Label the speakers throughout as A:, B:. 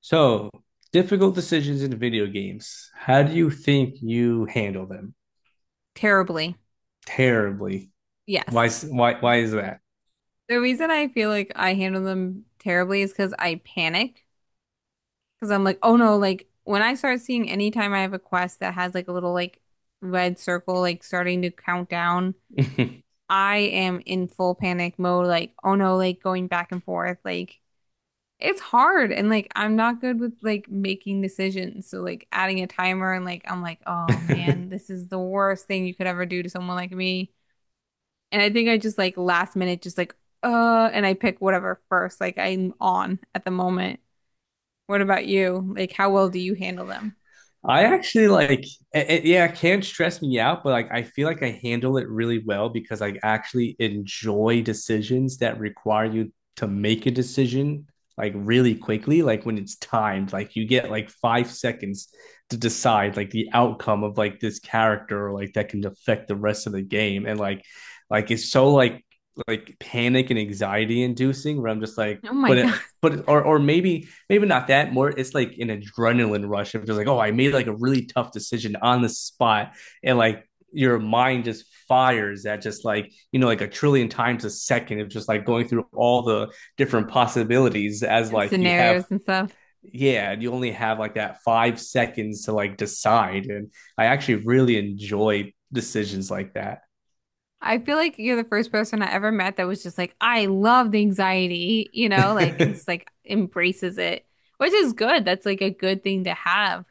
A: So, difficult decisions in video games. How do you think you handle them?
B: Terribly.
A: Terribly. Why?
B: Yes.
A: Why? Why is that?
B: The reason I feel like I handle them terribly is because I panic. Because I'm like, oh no, like when I start seeing anytime I have a quest that has like a little like red circle, like starting to count down, I am in full panic mode. Like, oh no, like going back and forth. Like, it's hard. And like, I'm not good with like making decisions. So like adding a timer and like, I'm like, oh man, this is the worst thing you could ever do to someone like me. And I think I just like last minute, just like, and I pick whatever first, like I'm on at the moment. What about you? Like, how well do you handle them?
A: I actually like it can stress me out, but like I feel like I handle it really well because I actually enjoy decisions that require you to make a decision like really quickly, like when it's timed, like you get like 5 seconds to decide like the outcome of like this character or like that can affect the rest of the game. And like it's so like panic and anxiety inducing where I'm just like,
B: Oh my
A: but
B: God.
A: it but or maybe maybe not that, more it's like an adrenaline rush of just like, oh, I made like a really tough decision on the spot, and like your mind just fires at just like, you know, like a trillion times a second of just like going through all the different possibilities as
B: In
A: like you have.
B: scenarios and stuff.
A: Yeah, you only have like that 5 seconds to like decide, and I actually really enjoy decisions like that.
B: I feel like you're the first person I ever met that was just like, I love the anxiety, you know, like, and just like embraces it, which is good. That's like a good thing to have.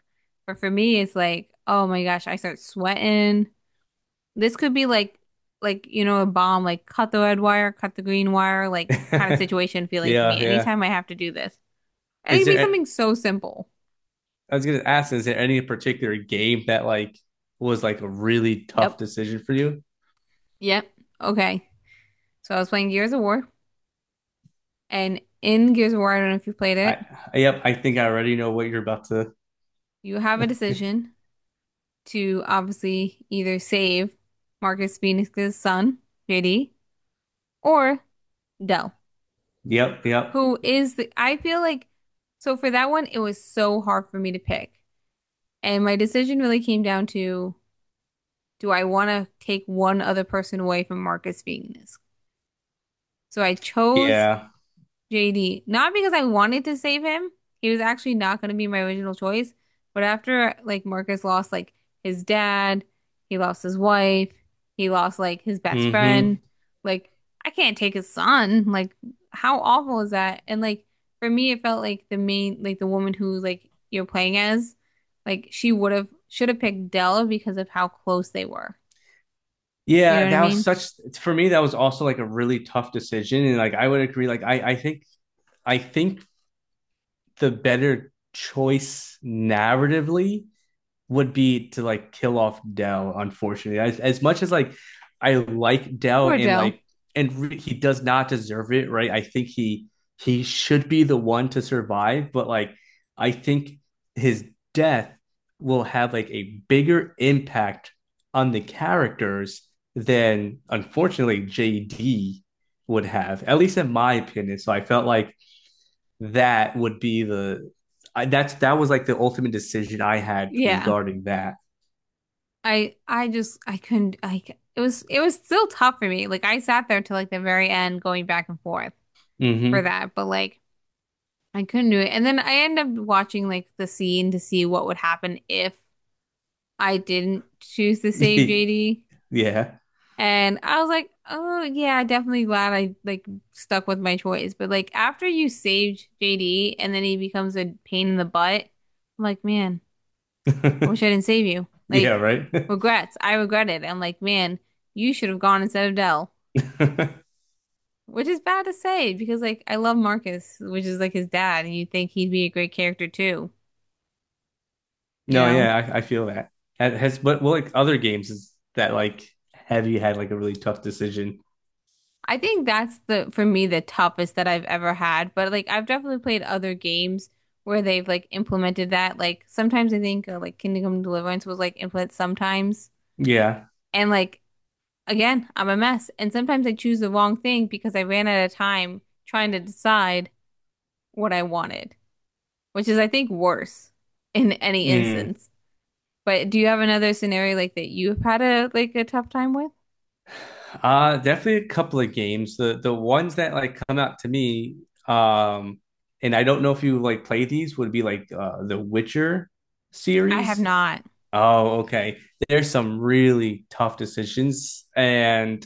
B: But for me, it's like, oh my gosh, I start sweating. This could be like you know a bomb like cut the red wire, cut the green wire, like kind of situation feeling for
A: Yeah,
B: me
A: yeah,
B: anytime I have to do this. And it
A: is
B: could be something
A: there—
B: so simple.
A: I was gonna ask, is there any particular game that like was like a really
B: Yep.
A: tough decision for you?
B: Yep. Okay. So I was playing Gears of War and in Gears of War, I don't know if you played it,
A: I Yep, I think I already know what you're about to.
B: you have a decision to obviously either save Marcus Phoenix's son, JD, or Dell,
A: Yep, yep,
B: who is the I feel like so for that one it was so hard for me to pick. And my decision really came down to do I want to take one other person away from Marcus Venus? So I chose
A: yeah,
B: JD, not because I wanted to save him. He was actually not going to be my original choice. But after like Marcus lost like his dad, he lost his wife, he lost like his best friend.
A: mm-hmm.
B: Like I can't take his son. Like how awful is that? And like for me, it felt like the main like the woman who like you're playing as, like she would have should have picked Dell because of how close they were. You know
A: Yeah,
B: what I
A: that was
B: mean?
A: such for me. That was also like a really tough decision, and like I would agree. Like I think the better choice narratively would be to like kill off Dell. Unfortunately, as much as like I like Dell
B: Poor
A: and
B: Jill.
A: like and re- he does not deserve it, right? I think He should be the one to survive, but like I think his death will have like a bigger impact on the characters than, unfortunately, JD would have, at least in my opinion. So I felt like that would be the— I, that's that was like the ultimate decision I had
B: Yeah.
A: regarding that.
B: I just I couldn't it was still tough for me. Like I sat there till like the very end going back and forth for
A: Mm-hmm.
B: that, but like I couldn't do it. And then I ended up watching like the scene to see what would happen if I didn't choose to save JD.
A: Yeah.
B: And I was like, "Oh yeah, definitely glad I like stuck with my choice." But like after you saved JD and then he becomes a pain in the butt, I'm like, "Man, I wish I didn't save you.
A: Yeah,
B: Like,
A: right.
B: regrets. I regret it. I'm like, man, you should have gone instead of Dell." Which is bad to say because, like, I love Marcus, which is like his dad, and you'd think he'd be a great character too, you
A: No,
B: know?
A: yeah, I feel that. Ha- Has what like other games is that like have you had like a really tough decision?
B: I think that's the, for me, the toughest that I've ever had. But, like, I've definitely played other games where they've, like, implemented that. Like, sometimes I think, like, Kingdom Come Deliverance was, like, implemented sometimes.
A: Yeah.
B: And, like, again, I'm a mess. And sometimes I choose the wrong thing because I ran out of time trying to decide what I wanted, which is, I think, worse in any
A: Mm.
B: instance. But do you have another scenario like that you've had a like a tough time with?
A: Uh, definitely a couple of games. The ones that like come out to me, um, and I don't know if you like play these, would be like the Witcher
B: I have
A: series.
B: not.
A: Oh, okay. There's some really tough decisions, and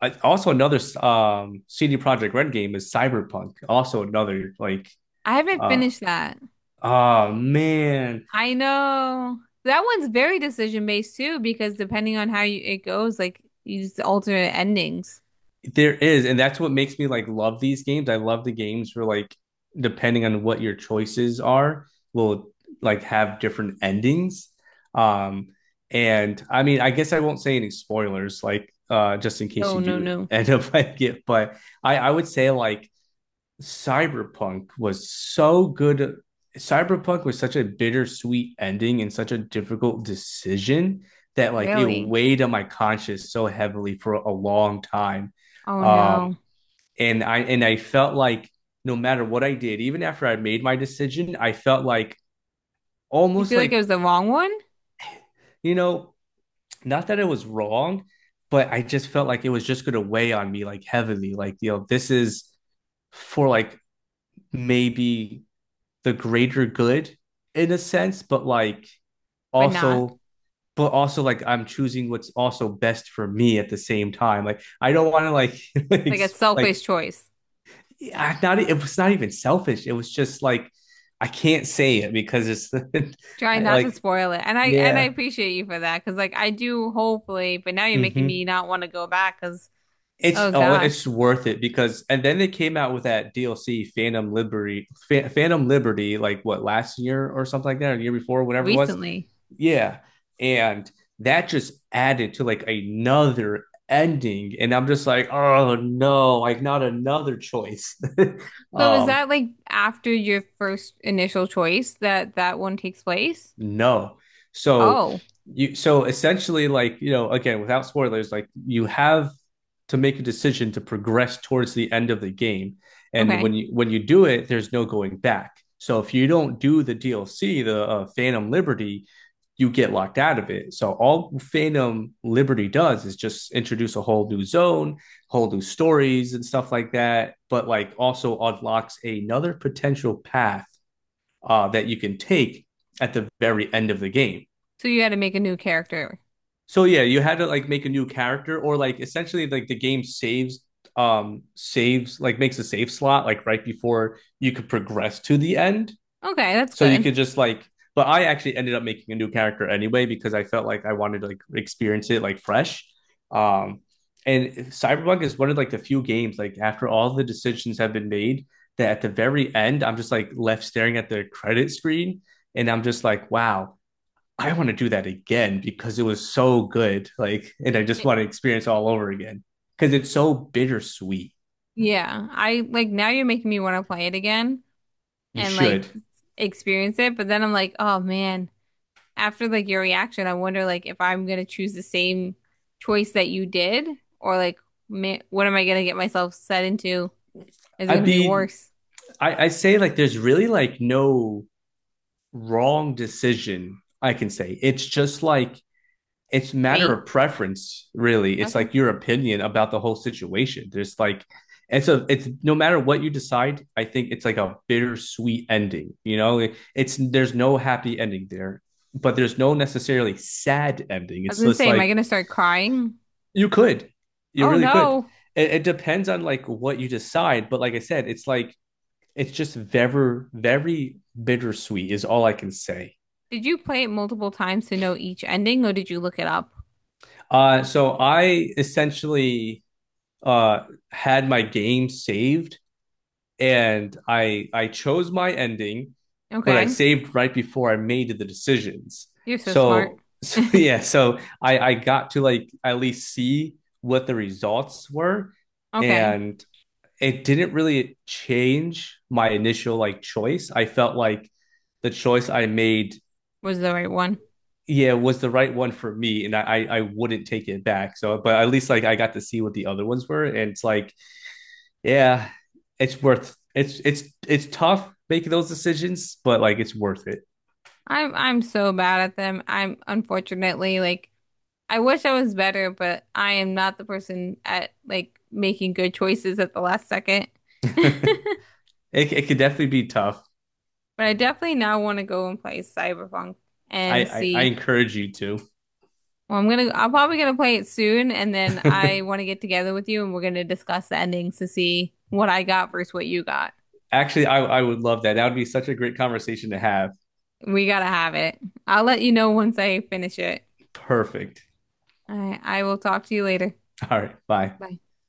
A: also another CD Projekt Red game is Cyberpunk. Also another like
B: I haven't
A: uh
B: finished that.
A: oh, man,
B: I know that one's very decision based too, because depending on how you, it goes, like you just alter endings.
A: there is, and that's what makes me like love these games. I love the games where like, depending on what your choices are, will like have different endings. Um and I mean, I guess I won't say any spoilers, like just in case
B: No,
A: you
B: no,
A: do
B: no.
A: end up like it, but I would say like Cyberpunk was so good. Cyberpunk was such a bittersweet ending and such a difficult decision that like it
B: Really?
A: weighed on my conscience so heavily for a long time.
B: Oh
A: Um,
B: no.
A: and I felt like, no matter what I did, even after I made my decision, I felt like
B: You
A: almost
B: feel like it
A: like,
B: was the wrong one,
A: you know, not that it was wrong, but I just felt like it was just going to weigh on me like heavily. Like, you know, this is for like maybe the greater good in a sense, but like
B: but not
A: also, but also like I'm choosing what's also best for me at the same time. Like I don't want to like like—
B: like a selfish
A: like
B: choice.
A: not e, it was not even selfish. It was just like I can't say it because it's
B: Try not to
A: like,
B: spoil it. And I
A: yeah.
B: appreciate you for that because like I do hopefully, but now you're making me
A: Mm-hmm.
B: not want to go back because
A: It's—
B: oh
A: oh, it's
B: gosh,
A: worth it because, and then they came out with that DLC Phantom Liberty, Fa- Phantom Liberty, like what, last year or something like that, or the year before, whatever it was.
B: recently.
A: Yeah, and that just added to like another ending, and I'm just like, oh no, like not another choice.
B: So is
A: Um,
B: that like after your first initial choice that that one takes place?
A: no. So
B: Oh,
A: you— so essentially, like, you know, again, without spoilers, like you have to make a decision to progress towards the end of the game. And
B: okay.
A: when you— when you do it, there's no going back. So if you don't do the DLC, the Phantom Liberty, you get locked out of it. So all Phantom Liberty does is just introduce a whole new zone, whole new stories and stuff like that, but like also unlocks another potential path, that you can take at the very end of the game.
B: So you had to make a new character.
A: So yeah, you had to like make a new character, or like essentially like the game saves, saves, like makes a save slot like right before you could progress to the end.
B: Okay, that's
A: So you
B: good.
A: could just like— but I actually ended up making a new character anyway because I felt like I wanted to like experience it like fresh. Um and Cyberpunk is one of like the few games like after all the decisions have been made, that at the very end I'm just like left staring at the credit screen, and I'm just like, wow, I want to do that again because it was so good. Like, and I just
B: It-
A: want to experience all over again because it's so bittersweet.
B: Yeah, I like now you're making me want to play it again
A: You
B: and like
A: should.
B: experience it, but then I'm like, oh man, after like your reaction, I wonder like if I'm gonna choose the same choice that you did, or like ma what am I gonna get myself set into? Is it
A: I'd
B: gonna be
A: be,
B: worse?
A: I say like there's really like no wrong decision, I can say. It's just like it's a matter
B: Fate.
A: of preference, really. It's
B: Okay.
A: like your opinion about the whole situation. There's like, and so it's— no matter what you decide, I think it's like a bittersweet ending. You know, it's— there's no happy ending there, but there's no necessarily sad ending.
B: I was
A: It's
B: gonna
A: just
B: say, am I
A: like—
B: gonna start crying?
A: you could, you
B: Oh
A: really could.
B: no!
A: It depends on like what you decide. But like I said, it's like it's just very, very bittersweet is all I can say.
B: Did you play it multiple times to know each ending, or did you look it up?
A: So I essentially uh, had my game saved, and I chose my ending, but I
B: Okay,
A: saved right before I made the decisions.
B: you're so smart.
A: So, so yeah, so I got to like at least see what the results were,
B: Okay,
A: and it didn't really change my initial like choice. I felt like the choice I made,
B: was the right one.
A: yeah, was the right one for me, and I wouldn't take it back. So, but at least like I got to see what the other ones were, and it's like, yeah, it's— it's tough making those decisions, but like it's worth it.
B: I'm so bad at them. I'm unfortunately like I wish I was better, but I am not the person at like making good choices at the last second.
A: It— it could definitely be tough.
B: But I definitely now want to go and play Cyberpunk and
A: I
B: see.
A: encourage you to.
B: Well, I'm gonna, I'm probably gonna play it soon, and then I want to get together with you and we're gonna discuss the endings to see what I got versus what you got.
A: Actually, I would love that. That would be such a great conversation to have.
B: We gotta have it. I'll let you know once I finish it.
A: Perfect.
B: I will talk to you later.
A: All right. Bye.
B: Bye.